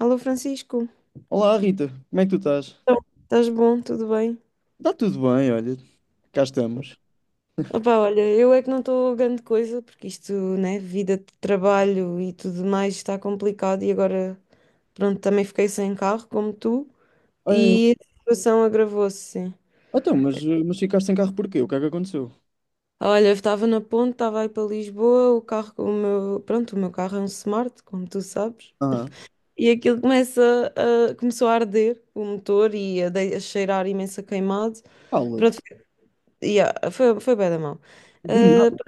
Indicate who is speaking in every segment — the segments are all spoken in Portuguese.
Speaker 1: Alô Francisco,
Speaker 2: Olá Rita, como é que tu estás?
Speaker 1: estás bom? Tudo bem?
Speaker 2: Está tudo bem, olha, cá estamos.
Speaker 1: Opa, olha, eu é que não estou grande coisa, porque isto, né, vida de trabalho e tudo mais está complicado e agora, pronto, também fiquei sem carro, como tu,
Speaker 2: É,
Speaker 1: e a situação agravou-se, sim.
Speaker 2: então, mas ficaste sem carro porquê? O que é que aconteceu?
Speaker 1: Olha, eu estava na ponte, estava aí para Lisboa, o carro, o meu, pronto, o meu carro é um Smart, como tu sabes,
Speaker 2: Ah,
Speaker 1: e aquilo começa a, começou a arder, o motor, e a, a cheirar imenso a queimado. Pronto,
Speaker 2: fala-te,
Speaker 1: yeah, foi, foi bem da mão.
Speaker 2: do nada.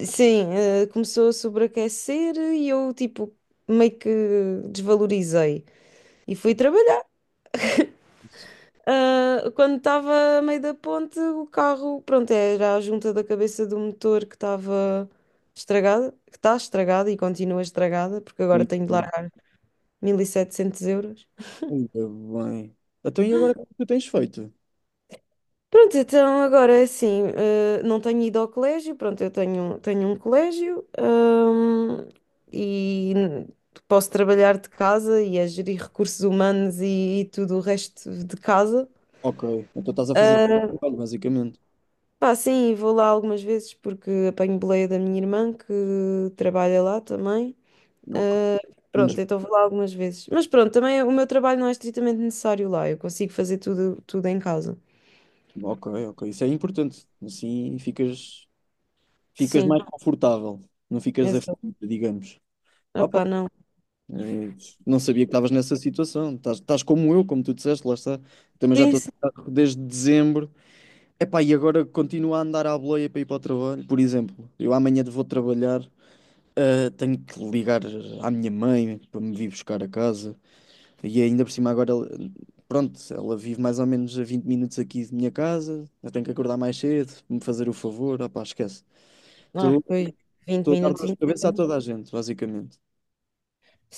Speaker 1: Sim, começou a sobreaquecer e eu, tipo, meio que desvalorizei e fui trabalhar. Ah, quando estava a meio da ponte, o carro, pronto, era a junta da cabeça do motor que estava estragada, que está estragada e continua estragada, porque agora tenho de largar 1.700 euros.
Speaker 2: Ainda bem. Então e agora o que é que tu tens feito?
Speaker 1: Pronto, então agora é assim, não tenho ido ao colégio, pronto, tenho um colégio, e posso trabalhar de casa e a gerir recursos humanos e tudo o resto de casa.
Speaker 2: Ok, então estás a fazer
Speaker 1: Ah,
Speaker 2: trabalho, basicamente.
Speaker 1: pá, sim, vou lá algumas vezes porque apanho boleia da minha irmã que trabalha lá também.
Speaker 2: Ok,
Speaker 1: Ah,
Speaker 2: menos...
Speaker 1: pronto, então vou lá algumas vezes. Mas pronto, também o meu trabalho não é estritamente necessário lá, eu consigo fazer tudo, tudo em casa.
Speaker 2: Ok, ok, isso é importante. Assim ficas, ficas
Speaker 1: Sim,
Speaker 2: mais confortável, não ficas
Speaker 1: exato.
Speaker 2: aflita, digamos.
Speaker 1: Opá, não.
Speaker 2: Eh, Não sabia que estavas nessa situação. Estás, estás como eu, como tu disseste, lá está. Também já
Speaker 1: Sim,
Speaker 2: estou a trabalhar desde dezembro. Epá, e agora continuo a andar à boleia para ir para o trabalho. Por exemplo, eu amanhã vou trabalhar, tenho que ligar à minha mãe para me vir buscar a casa. E ainda por cima agora, pronto, ela vive mais ou menos a 20 minutos aqui de minha casa. Eu tenho que acordar mais cedo, me fazer o favor. Opá, esquece.
Speaker 1: ah,
Speaker 2: Estou
Speaker 1: pois, 20
Speaker 2: estou a dar
Speaker 1: minutos.
Speaker 2: dor de cabeça a toda a gente, basicamente.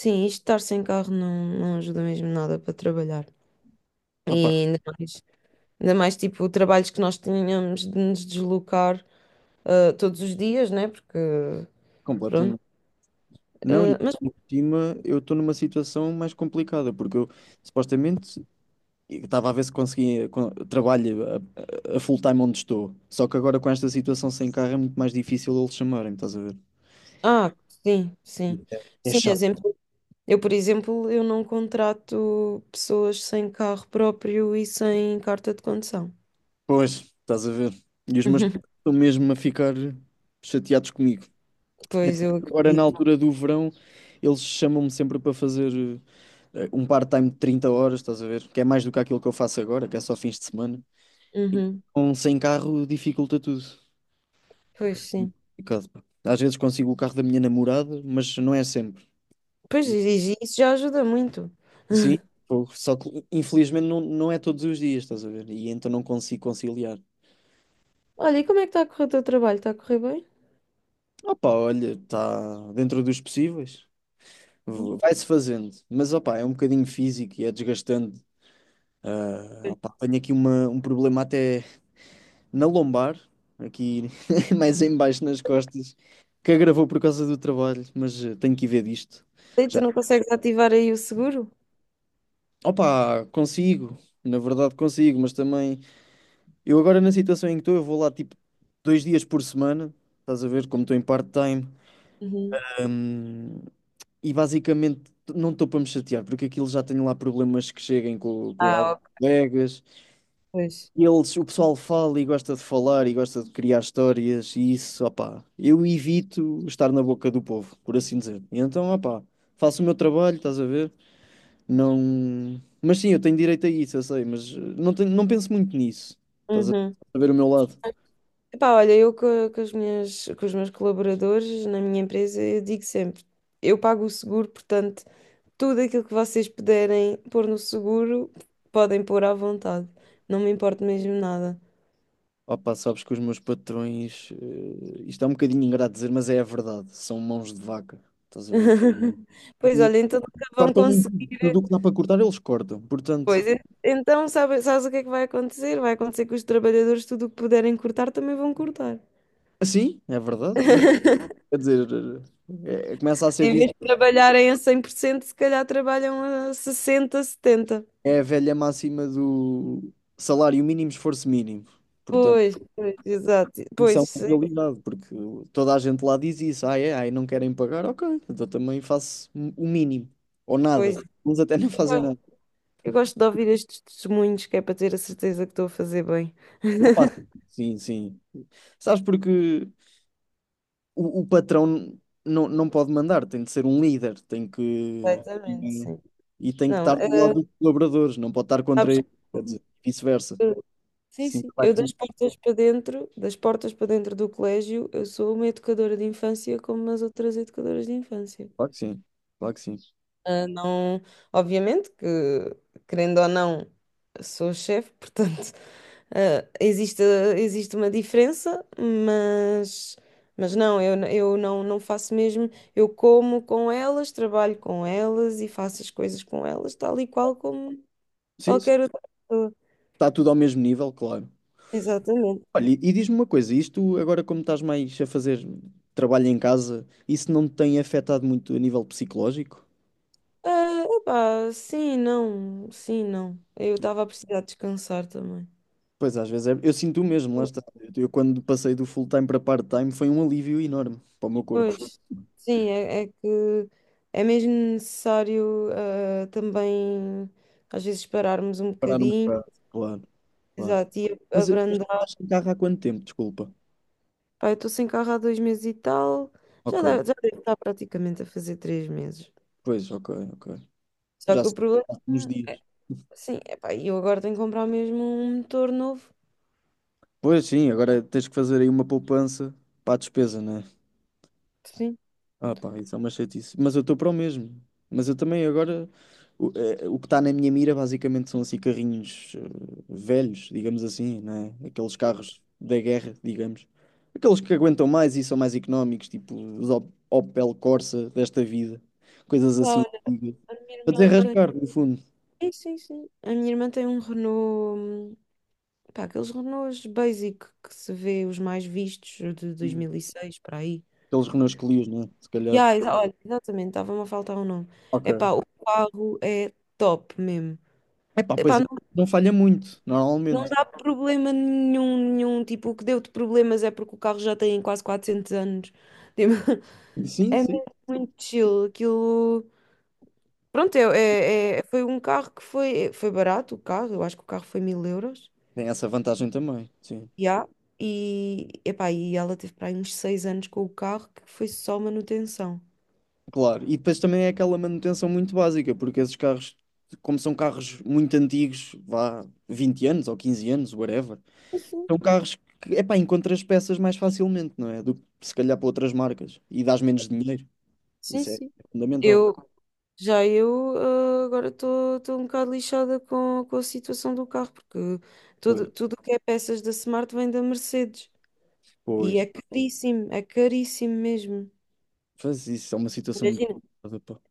Speaker 1: Sim, isto estar sem carro não ajuda mesmo nada para trabalhar. E
Speaker 2: Opá,
Speaker 1: ainda mais, ainda mais tipo, trabalhos que nós tínhamos de nos deslocar todos os dias, né? Porque, pronto.
Speaker 2: completamente. Não, e
Speaker 1: Ah, mas,
Speaker 2: por cima eu estou numa situação mais complicada, porque eu supostamente estava a ver se conseguia con- trabalho a, a full time onde estou. Só que agora com esta situação sem carro é muito mais difícil eles chamarem, estás a ver?
Speaker 1: ah, sim,
Speaker 2: E
Speaker 1: sim.
Speaker 2: É é
Speaker 1: Sim,
Speaker 2: chato.
Speaker 1: exemplo, por exemplo, eu não contrato pessoas sem carro próprio e sem carta de condução.
Speaker 2: Pois, estás a ver. E os meus pais estão mesmo a ficar chateados comigo.
Speaker 1: Pois, eu
Speaker 2: Agora, na
Speaker 1: acredito.
Speaker 2: altura do verão, eles chamam-me sempre para fazer um part-time de 30 horas, estás a ver? Que é mais do que aquilo que eu faço agora, que é só fins de semana.
Speaker 1: Uhum.
Speaker 2: Então, sem carro dificulta tudo.
Speaker 1: Pois, sim.
Speaker 2: Caso, pá. Às vezes consigo o carro da minha namorada, mas não é sempre. E,
Speaker 1: E isso já ajuda muito.
Speaker 2: sim, pô, só que infelizmente não, não é todos os dias, estás a ver? E então não consigo conciliar.
Speaker 1: Olha, e como é que está a correr o teu trabalho? Está a correr bem?
Speaker 2: Opa, olha, está dentro dos possíveis. Vai-se fazendo. Mas opa, é um bocadinho físico e é desgastante. Ah, opa, tenho aqui um problema até na lombar, aqui mais em baixo nas costas, que agravou por causa do trabalho, mas tenho que ir ver disto.
Speaker 1: E tu
Speaker 2: Já.
Speaker 1: não consegues ativar aí o seguro?
Speaker 2: Opa, consigo. Na verdade consigo, mas também eu agora na situação em que estou, eu vou lá tipo 2 dias por semana, estás a ver como estou em part-time,
Speaker 1: Uhum.
Speaker 2: hum, e basicamente não estou para me chatear, porque aquilo já tenho lá problemas que cheguem com
Speaker 1: Ah,
Speaker 2: alguns
Speaker 1: ok,
Speaker 2: colegas.
Speaker 1: pois.
Speaker 2: Eles, o pessoal fala e gosta de falar e gosta de criar histórias e isso, opá, eu evito estar na boca do povo, por assim dizer. E então, opá, faço o meu trabalho, estás a ver? Não. Mas sim, eu tenho direito a isso, eu sei, mas não tenho, não penso muito nisso. Estás
Speaker 1: Uhum.
Speaker 2: a ver o meu lado.
Speaker 1: Epá, olha, com as minhas, com os meus colaboradores na minha empresa, eu digo sempre, eu pago o seguro, portanto, tudo aquilo que vocês puderem pôr no seguro, podem pôr à vontade. Não me importo mesmo nada.
Speaker 2: Opa, sabes que os meus patrões, isto é um bocadinho ingrato dizer, mas é a verdade, são mãos de vaca, estás a ver?
Speaker 1: Pois
Speaker 2: E
Speaker 1: olha, então nunca vão
Speaker 2: cortam em tudo
Speaker 1: conseguir.
Speaker 2: o que dá para cortar, eles cortam. Portanto,
Speaker 1: Pois, en- então sabes o que é que vai acontecer? Vai acontecer que os trabalhadores, tudo o que puderem cortar, também vão cortar.
Speaker 2: assim, é verdade. E quer dizer, começa a ser
Speaker 1: Em vez
Speaker 2: visto,
Speaker 1: de trabalharem a 100%, se calhar trabalham a 60, 70.
Speaker 2: é a velha máxima do salário mínimo, esforço mínimo. Portanto,
Speaker 1: Pois, pois, exato.
Speaker 2: isso é
Speaker 1: Pois,
Speaker 2: uma
Speaker 1: sim,
Speaker 2: realidade, porque toda a gente lá diz isso, ah, é, ah, e não querem pagar, ok, então também faço o mínimo, ou
Speaker 1: pois.
Speaker 2: nada. Uns até nem fazem
Speaker 1: Eu
Speaker 2: nada.
Speaker 1: eu gosto de ouvir estes testemunhos, que é para ter a certeza que estou a fazer bem.
Speaker 2: Opa, sim, sim. Sabes porque o patrão não pode mandar, tem de ser um líder, tem que.
Speaker 1: Completamente, sim.
Speaker 2: E tem que
Speaker 1: Não,
Speaker 2: estar do lado dos colaboradores, não pode estar contra
Speaker 1: sabes,
Speaker 2: eles, quer dizer, vice-versa.
Speaker 1: eu- sim,
Speaker 2: Isso nunca
Speaker 1: sim.
Speaker 2: vai
Speaker 1: Eu das
Speaker 2: resultar.
Speaker 1: portas para dentro, das portas para dentro do colégio, eu sou uma educadora de infância como as outras educadoras de infância.
Speaker 2: Claro que sim, claro que sim.
Speaker 1: Ah, não, obviamente que, querendo ou não, sou chefe, portanto, ah, existe, existe uma diferença, mas não, eu não faço mesmo. Eu como com elas, trabalho com elas e faço as coisas com elas, tal e qual como
Speaker 2: Sim, sim.
Speaker 1: qualquer outra pessoa.
Speaker 2: Está tudo ao mesmo nível, claro.
Speaker 1: Exatamente.
Speaker 2: Olha, e diz-me uma coisa, isto agora como estás mais a fazer trabalho em casa, isso não te tem afetado muito a nível psicológico?
Speaker 1: Ah, epá, sim, não, sim, não. Eu estava a precisar descansar também.
Speaker 2: Pois às vezes é, eu sinto o mesmo, lá está. Eu quando passei do full-time para part-time foi um alívio enorme para o meu corpo.
Speaker 1: Pois, sim, é, é que é mesmo necessário também às vezes pararmos um
Speaker 2: Parar um
Speaker 1: bocadinho,
Speaker 2: bocado, claro, claro.
Speaker 1: exato, e
Speaker 2: Mas tu
Speaker 1: abrandar.
Speaker 2: estás sem carro há quanto tempo? Desculpa.
Speaker 1: Pá, eu estou sem carro há 2 meses e tal, já,
Speaker 2: Ok,
Speaker 1: já deve estar praticamente a fazer 3 meses.
Speaker 2: pois, ok, ok.
Speaker 1: Só
Speaker 2: Já
Speaker 1: que
Speaker 2: se-
Speaker 1: o problema
Speaker 2: já há uns
Speaker 1: é,
Speaker 2: dias.
Speaker 1: sim, é pá, eu agora tenho que comprar mesmo um motor novo.
Speaker 2: Pois sim, agora tens que fazer aí uma poupança para a despesa, né?
Speaker 1: Sim.
Speaker 2: Ah, pá, isso é uma chatice. Mas eu estou para o mesmo. Mas eu também agora. O, o que está na minha mira basicamente são assim carrinhos velhos, digamos assim, né? Aqueles carros da guerra, digamos. Aqueles que aguentam mais e são mais económicos, tipo os Opel Corsa desta vida. Coisas
Speaker 1: Pá,
Speaker 2: assim.
Speaker 1: olha, a minha
Speaker 2: Para
Speaker 1: irmã tem.
Speaker 2: desenrascar, no fundo.
Speaker 1: Sim, sim, sim. A minha irmã tem um Renault, pá, aqueles Renaults basic que se vê os mais vistos de 2006 para aí.
Speaker 2: Pelos Renaults que lias, né? Se calhar.
Speaker 1: Yeah, olha, exatamente, estava-me a faltar o nome.
Speaker 2: Ok.
Speaker 1: Epá, o carro é top mesmo.
Speaker 2: É pá, pois
Speaker 1: Epá,
Speaker 2: é.
Speaker 1: não,
Speaker 2: Não falha muito,
Speaker 1: não
Speaker 2: normalmente.
Speaker 1: dá problema nenhum, nenhum. Tipo, o que deu-te problemas é porque o carro já tem quase 400 anos. Tipo,
Speaker 2: Sim,
Speaker 1: é
Speaker 2: sim.
Speaker 1: mesmo muito chill. Aquilo. Pronto, é, foi um carro que foi, foi barato, o carro. Eu acho que o carro foi 1.000 euros.
Speaker 2: Tem essa vantagem também, sim.
Speaker 1: Já e, epá, e ela teve para aí uns 6 anos com o carro que foi só manutenção.
Speaker 2: Claro. E depois também é aquela manutenção muito básica, porque esses carros, como são carros muito antigos, vá 20 anos ou 15 anos, whatever,
Speaker 1: Sim, sim.
Speaker 2: são carros que, é pá, encontras peças mais facilmente, não é? Do que se calhar para outras marcas. E dás menos dinheiro.
Speaker 1: Sim,
Speaker 2: Isso é
Speaker 1: sim.
Speaker 2: fundamental.
Speaker 1: Eu, Já eu, ah, agora estou um bocado lixada com a situação do carro, porque
Speaker 2: Pois,
Speaker 1: tudo, tudo o que é peças da Smart vem da Mercedes. E
Speaker 2: pois.
Speaker 1: é caríssimo mesmo.
Speaker 2: Faz isso, é uma situação muito
Speaker 1: Imagina.
Speaker 2: complicada.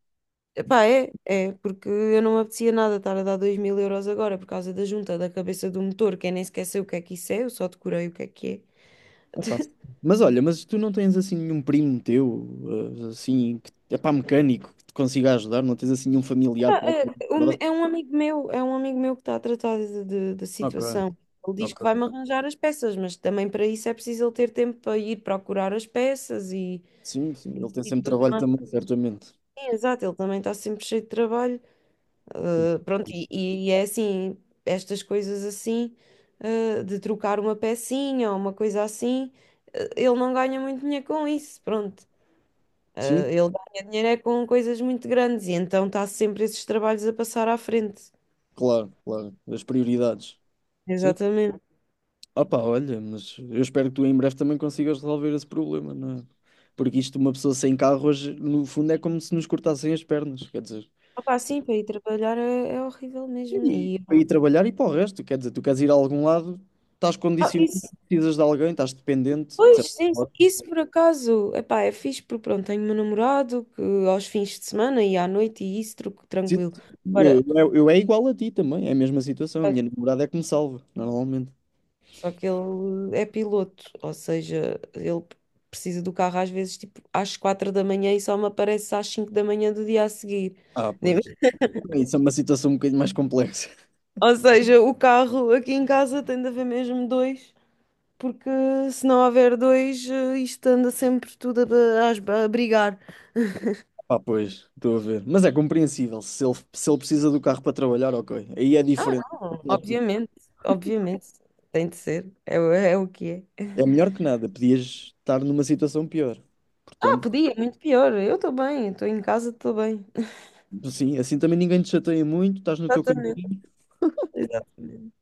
Speaker 1: Epá, é, é, porque eu não me apetecia nada estar a dar 2.000 euros agora por causa da junta da cabeça do motor, que eu nem sequer sei o que é que isso é, eu só decorei o que é que é.
Speaker 2: Epá, mas olha, mas tu não tens assim nenhum primo teu, assim, que, epá, mecânico, que te consiga ajudar? Não tens assim nenhum familiar próximo?
Speaker 1: É um amigo meu, é um amigo meu que está a tratar da
Speaker 2: Ok,
Speaker 1: situação. Ele diz que vai-me
Speaker 2: ok.
Speaker 1: arranjar as peças, mas também para isso é preciso ele ter tempo para ir procurar as peças
Speaker 2: Sim, sim, ele tem
Speaker 1: e
Speaker 2: sempre
Speaker 1: tudo
Speaker 2: trabalho
Speaker 1: mais.
Speaker 2: também, certamente.
Speaker 1: Sim, exato, ele também está sempre cheio de trabalho. Ah, pronto, e é assim, estas coisas assim, ah, de trocar uma pecinha ou uma coisa assim, ah, ele não ganha muito dinheiro com isso, pronto. Ah,
Speaker 2: Sim,
Speaker 1: ele ganha dinheiro é com coisas muito grandes e então está sempre esses trabalhos a passar à frente.
Speaker 2: claro, claro, as prioridades. Sim.
Speaker 1: Exatamente.
Speaker 2: Opa, olha, mas eu espero que tu em breve também consigas resolver esse problema, não é? Porque isto, uma pessoa sem carro hoje, no fundo, é como se nos cortassem as pernas, quer dizer.
Speaker 1: Opa, sim, para ir trabalhar é, é horrível mesmo.
Speaker 2: E,
Speaker 1: E,
Speaker 2: para ir trabalhar e para o resto, quer dizer, tu queres ir a algum lado, estás
Speaker 1: ah,
Speaker 2: condicionado,
Speaker 1: isso,
Speaker 2: precisas de alguém, estás dependente, de certo
Speaker 1: pois, sim, sim,
Speaker 2: modo.
Speaker 1: isso por acaso, epá, é fixe porque pronto, tenho meu namorado que aos fins de semana e à noite e isso tranquilo.
Speaker 2: Eu,
Speaker 1: Agora,
Speaker 2: eu, eu é igual a ti também, é a mesma situação. A
Speaker 1: ah,
Speaker 2: minha namorada é que me salva, normalmente.
Speaker 1: só que ele é piloto, ou seja, ele precisa do carro às vezes tipo às 4 da manhã e só me aparece às 5 da manhã do dia a seguir.
Speaker 2: Ah,
Speaker 1: Nem-
Speaker 2: pois. Isso é uma situação um bocadinho mais complexa.
Speaker 1: ou seja, o carro aqui em casa tem de haver mesmo dois, porque se não houver dois, isto anda sempre tudo a, a brigar.
Speaker 2: Ah, pois, estou a ver. Mas é compreensível. Se ele precisa do carro para trabalhar, ok. Aí é
Speaker 1: Ah,
Speaker 2: diferente.
Speaker 1: não,
Speaker 2: Apesar de tudo,
Speaker 1: obviamente, obviamente, tem de ser, é, é o que é.
Speaker 2: é melhor que nada. Podias estar numa situação pior.
Speaker 1: Ah,
Speaker 2: Portanto,
Speaker 1: podia, é muito pior, eu estou bem, estou em casa, estou bem.
Speaker 2: sim, assim também ninguém te chateia muito, estás no teu
Speaker 1: Exatamente,
Speaker 2: cantinho.
Speaker 1: exatamente.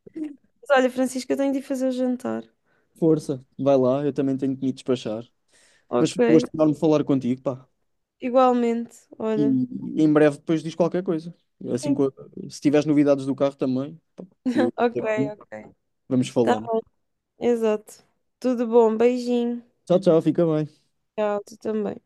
Speaker 1: Mas olha, Francisca, eu tenho de ir fazer o jantar.
Speaker 2: Força, vai lá, eu também tenho que me despachar. Mas
Speaker 1: Ok,
Speaker 2: foi um gosto enorme falar contigo, pá.
Speaker 1: igualmente, olha.
Speaker 2: E em breve depois diz qualquer coisa. Assim,
Speaker 1: Sim.
Speaker 2: se tiveres novidades do carro também, pá, eu-
Speaker 1: Ok, ok.
Speaker 2: vamos
Speaker 1: Tá,
Speaker 2: falando.
Speaker 1: exato. Tudo bom, beijinho.
Speaker 2: Tchau, tchau, fica bem.
Speaker 1: Tchau, tu também.